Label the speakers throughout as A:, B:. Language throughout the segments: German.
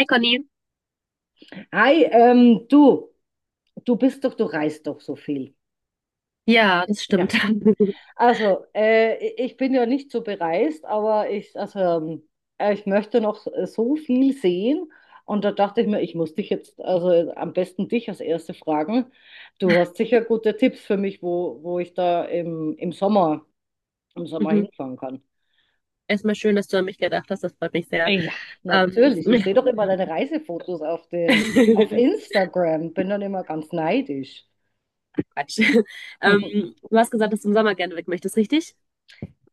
A: Hi Conny.
B: Hi, du du reist doch so viel.
A: Ja, das
B: Ja,
A: stimmt.
B: also ich bin ja nicht so bereist, aber ich, also, ich möchte noch so viel sehen. Und da dachte ich mir, ich muss dich jetzt, also am besten dich als Erste fragen. Du hast sicher gute Tipps für mich, wo ich da im im Sommer
A: Mhm.
B: hinfahren kann.
A: Erstmal schön, dass du an mich gedacht hast. Das freut mich sehr.
B: Ja,
A: Ähm,
B: natürlich, ich sehe doch immer deine Reisefotos auf auf Instagram, bin dann immer ganz neidisch.
A: Quatsch. Du hast gesagt, dass du im Sommer gerne weg möchtest, richtig?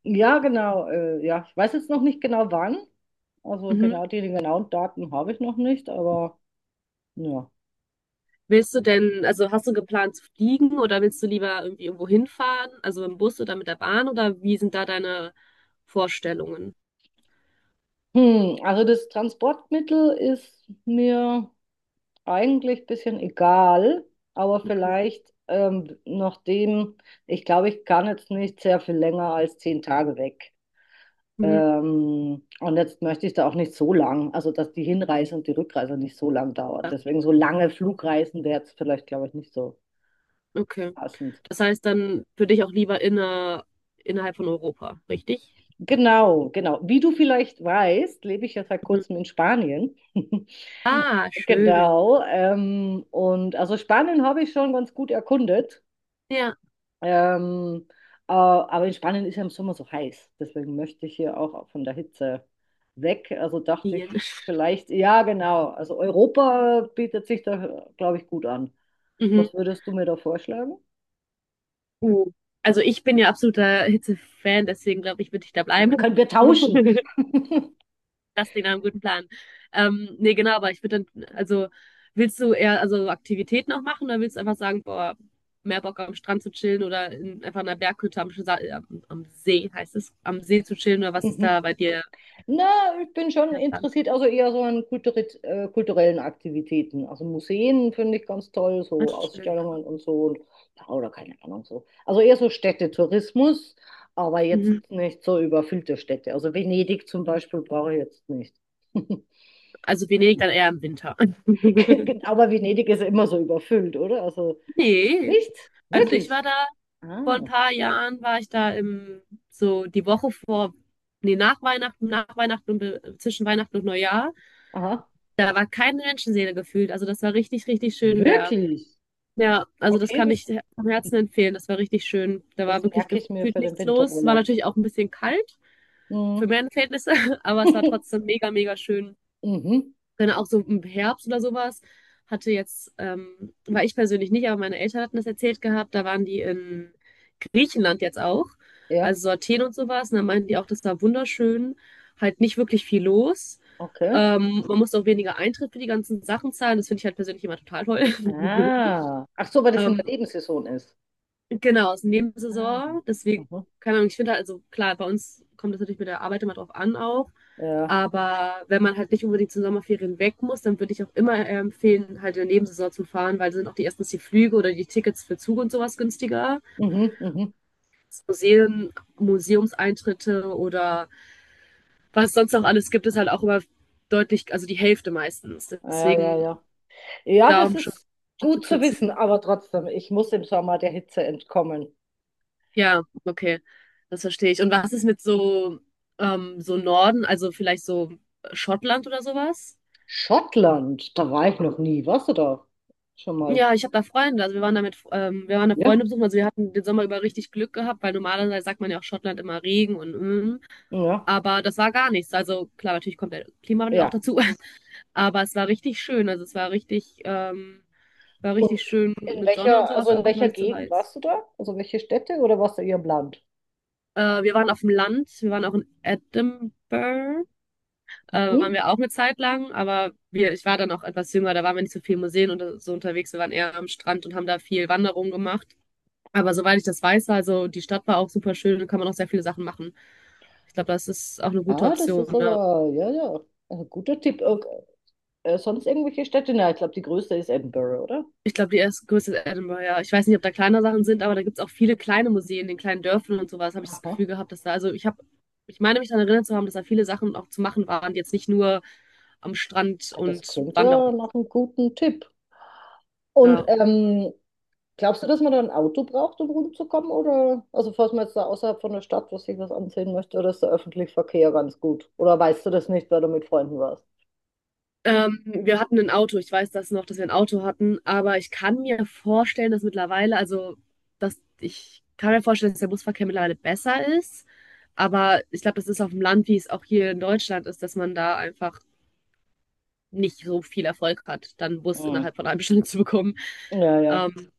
B: Ja, genau. Ja, ich weiß jetzt noch nicht genau wann. Also
A: Mhm.
B: genau die genauen Daten habe ich noch nicht, aber ja.
A: Willst du denn, also hast du geplant zu fliegen oder willst du lieber irgendwie irgendwo hinfahren? Also im Bus oder mit der Bahn oder wie sind da deine Vorstellungen?
B: Hm, also das Transportmittel ist mir eigentlich ein bisschen egal, aber
A: Okay.
B: vielleicht nachdem, ich glaube, ich kann jetzt nicht sehr viel länger als 10 Tage weg.
A: Mhm.
B: Und jetzt möchte ich da auch nicht so lang, also dass die Hinreise und die Rückreise nicht so lang dauert.
A: Ja,
B: Deswegen so lange Flugreisen wäre jetzt vielleicht, glaube ich, nicht so
A: okay.
B: passend.
A: Das heißt dann für dich auch lieber innerhalb von Europa, richtig?
B: Genau, genau. Wie du vielleicht weißt, lebe ich ja seit
A: Mhm.
B: kurzem in Spanien.
A: Ah, schön.
B: Genau. Und also Spanien habe ich schon ganz gut erkundet.
A: Ja,
B: Ähm, aber in Spanien ist ja im Sommer so heiß. Deswegen möchte ich hier auch von der Hitze weg. Also dachte
A: Wien.
B: ich vielleicht, ja, genau. Also Europa bietet sich da, glaube ich, gut an.
A: Mhm.
B: Was würdest du mir da vorschlagen?
A: Mhm. Also ich bin ja absoluter Hitze-Fan, deswegen glaube ich, würde ich da
B: Also
A: bleiben.
B: können wir tauschen?
A: Das klingt nach einem guten Plan. Nee, genau, aber ich würde dann, also willst du eher also Aktivitäten auch machen oder willst du einfach sagen, boah, mehr Bock am Strand zu chillen oder einfach in einer Berghütte am See, heißt es, am See zu chillen oder was ist da bei dir
B: Na, ich bin schon
A: der Plan?
B: interessiert, also eher so an kulturellen Aktivitäten. Also Museen finde ich ganz toll,
A: Ah,
B: so
A: schön.
B: Ausstellungen und so. Und, ja, oder keine Ahnung so. Also eher so Städtetourismus, aber jetzt
A: Mhm.
B: nicht so überfüllte Städte. Also Venedig zum Beispiel brauche ich jetzt nicht.
A: Also Venedig dann eher im Winter.
B: Aber Venedig ist immer so überfüllt, oder? Also
A: Nee,
B: nicht?
A: also ich
B: Wirklich?
A: war da. Vor ein
B: Ah,
A: paar Jahren war ich da so die Woche vor, nee, nach Weihnachten, und zwischen Weihnachten und Neujahr.
B: aha,
A: Da war keine Menschenseele gefühlt. Also das war richtig, richtig schön leer.
B: wirklich.
A: Ja, also das
B: Okay,
A: kann
B: das,
A: ich vom Herzen empfehlen. Das war richtig schön. Da war
B: das
A: wirklich
B: merke ich mir
A: gefühlt
B: für den
A: nichts los. War
B: Winterurlaub.
A: natürlich auch ein bisschen kalt
B: Mhm.
A: für meine Verhältnisse, aber es war trotzdem mega, mega schön.
B: Mhm.
A: Genau, auch so im Herbst oder sowas hatte jetzt, war ich persönlich nicht, aber meine Eltern hatten das erzählt gehabt, da waren die in Griechenland jetzt auch,
B: Ja,
A: also so Athen und sowas, und da meinten die auch, das war wunderschön, halt nicht wirklich viel los.
B: okay.
A: Man musste auch weniger Eintritt für die ganzen Sachen zahlen, das finde ich halt persönlich immer total toll.
B: Ah. Ach so, weil das in der
A: Ähm,
B: Nebensaison ist.
A: Genau, ist
B: Ah.
A: Nebensaison. Deswegen,
B: Mhm.
A: keine Ahnung, ich finde halt, also klar, bei uns kommt das natürlich mit der Arbeit immer drauf an auch.
B: Ja.
A: Aber wenn man halt nicht unbedingt zu Sommerferien weg muss, dann würde ich auch immer empfehlen, halt in der Nebensaison zu fahren, weil sind auch die erstens die Flüge oder die Tickets für Zug und sowas günstiger.
B: Mhm, mhm.
A: Das Museen, Museumseintritte oder was sonst noch alles gibt, ist halt auch immer deutlich, also die Hälfte meistens.
B: Ah, ja, ja,
A: Deswegen,
B: ja. Ja,
A: da
B: das
A: um schon
B: ist
A: zu
B: gut zu wissen,
A: kürzen.
B: aber trotzdem, ich muss im Sommer der Hitze entkommen.
A: Ja, okay, das verstehe ich. Und was ist mit so Norden, also vielleicht so Schottland oder sowas?
B: Schottland, da war ich noch nie. Warst du da? Schon mal.
A: Ja, ich habe da Freunde. Also wir waren da
B: Ja,
A: Freunde besuchen. Also wir hatten den Sommer über richtig Glück gehabt, weil normalerweise sagt man ja auch Schottland immer Regen und
B: ja,
A: aber das war gar nichts. Also klar, natürlich kommt der Klimawandel auch
B: ja.
A: dazu, aber es war richtig schön. Also es war richtig, ähm, war
B: Und
A: richtig schön mit Sonne und
B: also
A: sowas,
B: in
A: aber es war
B: welcher
A: nicht zu
B: Gegend
A: heiß.
B: warst du da? Also welche Städte oder warst du eher im Land?
A: Wir waren auf dem Land, wir waren auch in Edinburgh. Waren
B: Mhm.
A: wir auch eine Zeit lang, aber wir, ich war dann auch etwas jünger, da waren wir nicht so viel in Museen und so unterwegs. Wir waren eher am Strand und haben da viel Wanderung gemacht. Aber soweit ich das weiß, also die Stadt war auch super schön und kann man auch sehr viele Sachen machen. Ich glaube, das ist auch eine gute
B: Ah, das ist
A: Option. Ne?
B: aber, ja, ja, ein guter Tipp. Sonst irgendwelche Städte? Na, ich glaube, die größte ist Edinburgh, oder?
A: Ich glaube, die erste größte ist Edinburgh, ja. Ich weiß nicht, ob da kleinere Sachen sind, aber da gibt es auch viele kleine Museen in kleinen Dörfern und sowas, habe ich das
B: Aha.
A: Gefühl gehabt, dass da, also ich meine mich daran erinnert zu haben, dass da viele Sachen auch zu machen waren, die jetzt nicht nur am Strand
B: Ah, das
A: und
B: klingt ja
A: Wanderung.
B: nach einem guten Tipp. Und
A: Ja.
B: glaubst du, dass man da ein Auto braucht, um rumzukommen? Oder, also falls man jetzt da außerhalb von der Stadt was sich was ansehen möchte, oder ist der öffentliche Verkehr ganz gut? Oder weißt du das nicht, weil du mit Freunden warst?
A: Wir hatten ein Auto. Ich weiß das noch, dass wir ein Auto hatten, aber ich kann mir vorstellen, dass mittlerweile, also dass ich kann mir vorstellen, dass der Busverkehr mittlerweile besser ist. Aber ich glaube, das ist auf dem Land, wie es auch hier in Deutschland ist, dass man da einfach nicht so viel Erfolg hat, dann einen Bus
B: Hm.
A: innerhalb von einer halben Stunde zu bekommen.
B: Ja, ja.
A: Ähm,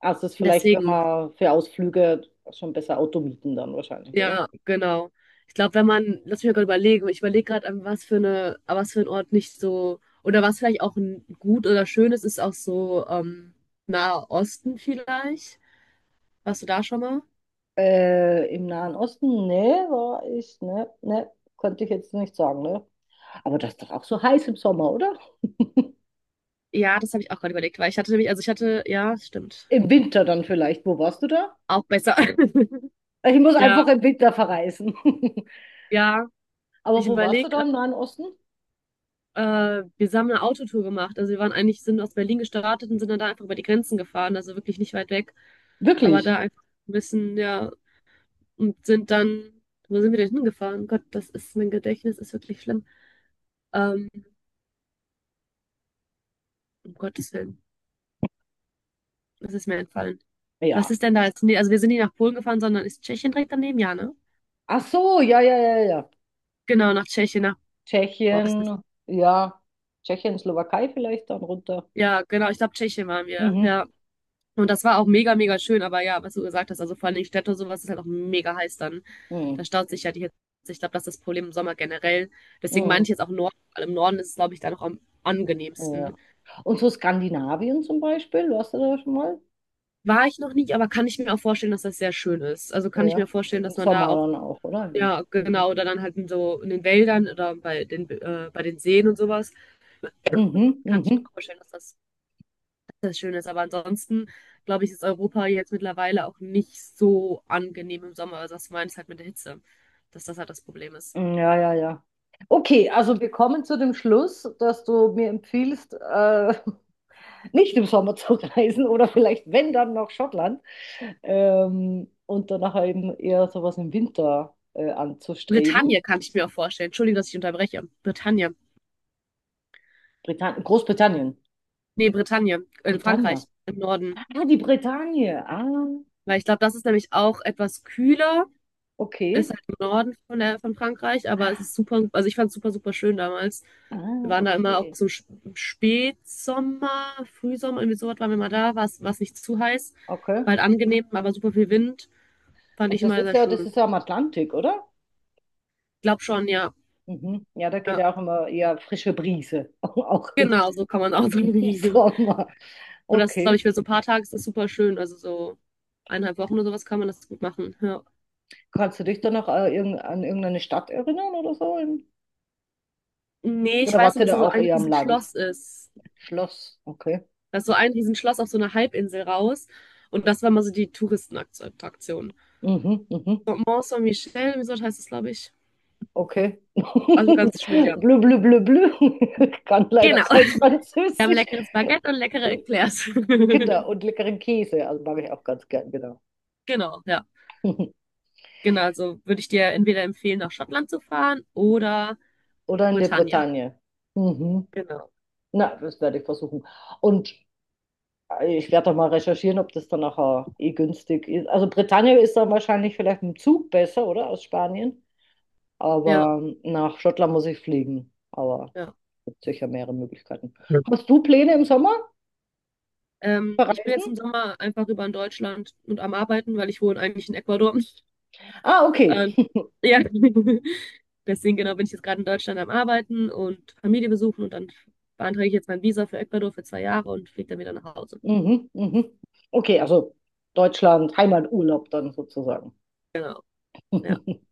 B: Also es ist vielleicht, wenn
A: deswegen.
B: man für Ausflüge schon besser Auto mieten dann wahrscheinlich, oder?
A: Ja, genau. Ich glaube, wenn man, lass mich mal gerade überlegen, ich überlege gerade, an was für eine, an was für ein Ort nicht so, oder was vielleicht auch ein gut oder schön ist, ist auch so Nahe Osten vielleicht. Warst du da schon mal?
B: Im Nahen Osten? Nee, war ich, ne, ne, konnte ich jetzt nicht sagen, ne? Aber das ist doch auch so heiß im Sommer, oder?
A: Ja, das habe ich auch gerade überlegt, weil ich hatte nämlich, also ich hatte, ja, stimmt.
B: Im Winter dann vielleicht. Wo warst du da?
A: Auch besser.
B: Ich muss
A: Ja,
B: einfach im Winter verreisen.
A: ja.
B: Aber
A: Ich
B: wo warst du
A: überlege,
B: da im Nahen Osten?
A: wir haben eine Autotour gemacht. Also wir waren eigentlich, sind aus Berlin gestartet und sind dann da einfach über die Grenzen gefahren, also wirklich nicht weit weg. Aber
B: Wirklich?
A: da einfach ein bisschen, ja. Und sind dann, wo sind wir denn hingefahren? Oh Gott, das ist, mein Gedächtnis ist wirklich schlimm. Ähm, um Gottes Willen, das ist mir entfallen. Was
B: Ja.
A: ist denn da jetzt? Nee, also wir sind nicht nach Polen gefahren, sondern ist Tschechien direkt daneben? Ja, ne?
B: Ach so, ja, ja, ja, ja.
A: Genau, nach Tschechien, nach, boah, was ist das?
B: Tschechien, ja. Tschechien, Slowakei vielleicht dann runter.
A: Ja, genau, ich glaube, Tschechien waren wir,
B: Mhm.
A: ja. Und das war auch mega, mega schön, aber ja, was du gesagt hast, also vor allen Städte und sowas ist halt auch mega heiß dann.
B: Mhm.
A: Da staut sich ja die Hitze. Ich glaube, das ist das Problem im Sommer generell. Deswegen meine
B: Mhm.
A: ich jetzt auch Norden, weil im Norden ist es, glaube ich, da noch am
B: Ja, ja.
A: angenehmsten.
B: Und so Skandinavien zum Beispiel, warst du da schon mal?
A: War ich noch nicht, aber kann ich mir auch vorstellen, dass das sehr schön ist. Also kann ich mir
B: Ja.
A: vorstellen,
B: Im
A: dass man da
B: Sommer
A: auch,
B: dann auch, oder? Ja.
A: ja,
B: Mhm.
A: genau, oder dann halt in so in den Wäldern oder bei den Seen und sowas,
B: Mhm.
A: kann ich mir
B: Mhm.
A: auch vorstellen, dass das schön ist. Aber ansonsten, glaube ich, ist Europa jetzt mittlerweile auch nicht so angenehm im Sommer. Also das meinst halt mit der Hitze, dass das halt das Problem ist.
B: Mhm. Ja, ja, ja. Okay, also wir kommen zu dem Schluss, dass du mir empfiehlst, nicht im Sommer zu reisen oder vielleicht, wenn dann, nach Schottland und danach eben eher sowas im Winter anzustreben.
A: Bretagne kann ich mir auch vorstellen. Entschuldigung, dass ich unterbreche. Bretagne.
B: Britann Großbritannien.
A: Nee, Bretagne, in
B: Britannia.
A: Frankreich, im Norden.
B: Ah, die Bretagne. Ah,
A: Weil ich glaube, das ist nämlich auch etwas kühler. Ist
B: okay.
A: halt im Norden von Frankreich, aber es ist super, also ich fand es super, super schön damals. Wir
B: Ah,
A: waren da immer auch
B: okay.
A: so im Spätsommer, Frühsommer, irgendwie sowas waren wir mal da, war es nicht zu heiß,
B: Okay.
A: war halt angenehm, aber super viel Wind, fand ich
B: Und
A: immer sehr
B: das
A: schön.
B: ist ja am Atlantik, oder?
A: Ich glaube schon, ja.
B: Mhm. Ja, da geht
A: Ja,
B: ja auch immer eher frische Brise, auch im,
A: genau, so kann man auch
B: auch
A: sagen.
B: im Sommer.
A: Und das, glaube
B: Okay.
A: ich, für so ein paar Tage ist das super schön, also so eineinhalb Wochen oder sowas kann man das gut machen. Ja.
B: Kannst du dich dann noch an irgendeine Stadt erinnern oder so?
A: Nee, ich
B: Oder
A: weiß
B: warst
A: nur,
B: du
A: dass da
B: da
A: so
B: auch
A: ein
B: eher am
A: riesen
B: Land?
A: Schloss ist.
B: Schloss, okay.
A: Da ist so ein Riesenschloss auf so einer Halbinsel raus. Und das war mal so die Touristenattraktion.
B: Mhm, mhm,
A: Mont Saint-Michel, wie so heißt das glaube ich.
B: okay.
A: Also ganz schön, ja.
B: Blö, blö, blö, blö. Kann leider
A: Genau.
B: kein
A: Wir haben
B: Französisch.
A: leckeres Baguette und leckere
B: Äh,
A: Eclairs.
B: Genau, und leckeren Käse, also mag ich auch ganz gern, genau.
A: Genau, ja. Genau, also würde ich dir entweder empfehlen, nach Schottland zu fahren oder
B: Oder in der
A: Britannia.
B: Bretagne. Mhm.
A: Genau.
B: Na, das werde ich versuchen. Und ich werde doch mal recherchieren, ob das dann nachher eh günstig ist. Also Bretagne ist dann wahrscheinlich vielleicht mit dem Zug besser, oder? Aus Spanien.
A: Ja,
B: Aber nach Schottland muss ich fliegen. Aber
A: ja.
B: es gibt sicher mehrere Möglichkeiten.
A: Ja.
B: Hast du Pläne im Sommer
A: Ich bin jetzt
B: verreisen?
A: im Sommer einfach über in Deutschland und am Arbeiten, weil ich wohne eigentlich in Ecuador.
B: Ah, okay.
A: Und ja, deswegen genau bin ich jetzt gerade in Deutschland am Arbeiten und Familie besuchen und dann beantrage ich jetzt mein Visa für Ecuador für 2 Jahre und fliege dann wieder nach Hause.
B: Mhm, mhm. Okay, also Deutschland, Heimaturlaub dann sozusagen.
A: Genau, ja,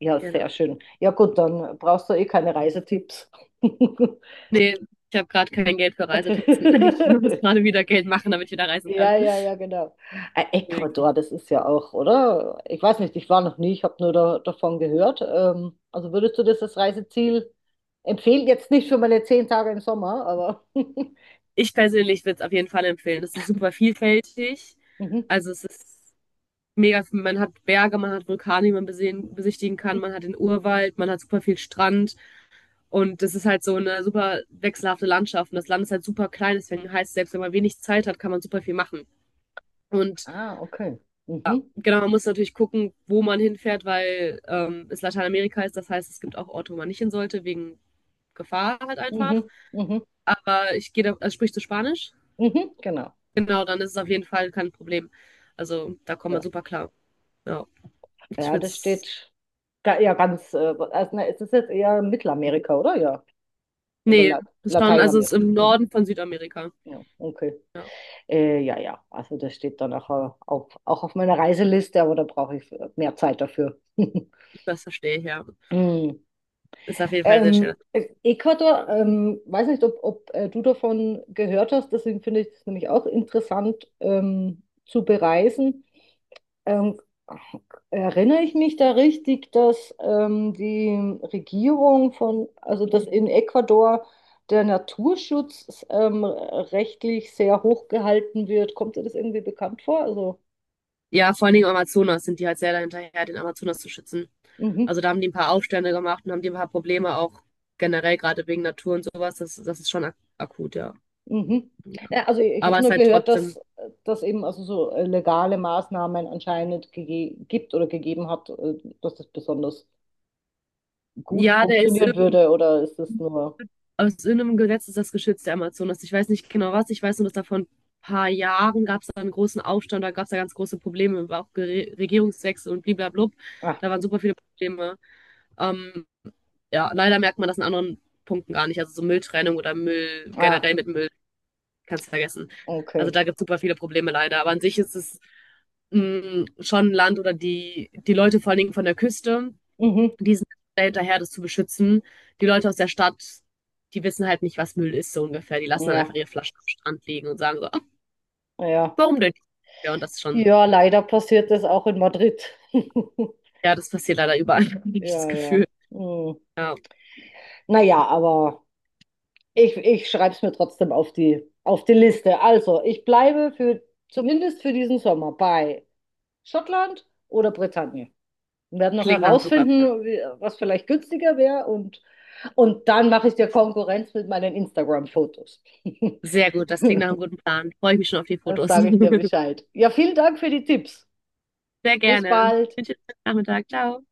B: Ja, sehr
A: genau.
B: schön. Ja, gut, dann brauchst du eh keine Reisetipps.
A: Nee, ich habe gerade kein Geld für Reisetipps. Ich muss gerade wieder Geld machen, damit ich wieder reisen kann.
B: Ja, ja, ja, genau.
A: Nee, genau.
B: Ecuador, das ist ja auch, oder? Ich weiß nicht, ich war noch nie, ich habe nur da, davon gehört. Also würdest du das als Reiseziel empfehlen? Jetzt nicht für meine 10 Tage im Sommer, aber.
A: Ich persönlich würde es auf jeden Fall empfehlen. Es ist super vielfältig.
B: Mhm.
A: Also es ist mega, man hat Berge, man hat Vulkane, die man besehen, besichtigen kann,
B: Mhm.
A: man hat den Urwald, man hat super viel Strand. Und das ist halt so eine super wechselhafte Landschaft. Und das Land ist halt super klein, deswegen heißt es, selbst wenn man wenig Zeit hat, kann man super viel machen. Und
B: Ah, okay. Mhm.
A: genau, man muss natürlich gucken, wo man hinfährt, weil es Lateinamerika ist. Das heißt, es gibt auch Orte, wo man nicht hin sollte, wegen Gefahr halt einfach.
B: Mhm. Mhm.
A: Aber ich gehe da, also sprichst du Spanisch?
B: Mhm. Genau.
A: Genau, dann ist es auf jeden Fall kein Problem. Also da kommt man
B: Ja.
A: super klar. Ja, ich
B: Ja,
A: würde
B: das
A: es.
B: steht ja ganz, also, ne, es ist jetzt eher Mittelamerika, oder? Ja. Oder
A: Nee,
B: La
A: das ist schon, also es ist
B: Lateinamerika.
A: im
B: Mhm.
A: Norden von Südamerika.
B: Ja, okay.
A: Ja,
B: Ja, ja. Also das steht dann auch, auch auf meiner Reiseliste, aber da brauche ich mehr Zeit dafür.
A: das verstehe ich ja.
B: Hm.
A: Ist auf jeden Fall sehr schön.
B: Ecuador, weiß nicht, ob du davon gehört hast, deswegen finde ich es nämlich auch interessant zu bereisen. Ähm, erinnere ich mich da richtig, dass die Regierung also dass in Ecuador der Naturschutz rechtlich sehr hoch gehalten wird? Kommt dir das irgendwie bekannt vor? Also,
A: Ja, vor allen Dingen im Amazonas sind die halt sehr dahinterher, den Amazonas zu schützen.
B: mhm,
A: Also da haben die ein paar Aufstände gemacht und haben die ein paar Probleme auch generell, gerade wegen Natur und sowas. Das ist schon ak akut, ja.
B: mhm.
A: Ja.
B: Ja, also ich
A: Aber
B: habe
A: es ist
B: nur
A: halt
B: gehört,
A: trotzdem.
B: dass das eben also so legale Maßnahmen anscheinend gibt oder gegeben hat, dass das besonders gut
A: Ja,
B: funktionieren würde, oder ist das nur...
A: aus irgendeinem Gesetz ist das geschützt, der Amazonas. Ich weiß nicht genau was. Ich weiß nur, dass da vor ein paar Jahren gab es da einen großen Aufstand, da gab es da ganz große Probleme, war auch Regierungswechsel und blablabla.
B: Ah,
A: Da waren super viele Probleme. Ähm, ja, leider merkt man das in anderen Punkten gar nicht. Also so Mülltrennung oder Müll
B: ah,
A: generell mit Müll kannst du vergessen. Also
B: okay.
A: da gibt es super viele Probleme leider. Aber an sich ist es schon ein Land oder die Leute vor allen Dingen von der Küste,
B: Mhm.
A: die sind sehr hinterher, das zu beschützen. Die Leute aus der Stadt, die wissen halt nicht, was Müll ist, so ungefähr. Die lassen dann einfach
B: Ja,
A: ihre Flaschen am Strand liegen und sagen so: "Ah,
B: ja.
A: warum denn nicht?" Ja, und das ist schon,
B: Ja, leider passiert das auch in Madrid.
A: ja, das passiert leider überall, habe ich das
B: Ja, ja.
A: Gefühl.
B: Hm.
A: Ja,
B: Naja, aber ich schreibe es mir trotzdem auf die Liste. Also, ich bleibe für zumindest für diesen Sommer bei Schottland oder Bretagne. Wir werden noch
A: klingt nach einem super Plan.
B: herausfinden, was vielleicht günstiger wäre und, dann mache ich dir Konkurrenz mit meinen Instagram-Fotos.
A: Sehr gut, das klingt nach einem guten Plan. Freue ich mich schon auf die
B: Dann
A: Fotos.
B: sage ich dir Bescheid. Ja, vielen Dank für die Tipps.
A: Sehr
B: Bis
A: gerne.
B: bald.
A: Wünsche dir einen schönen Nachmittag. Ciao.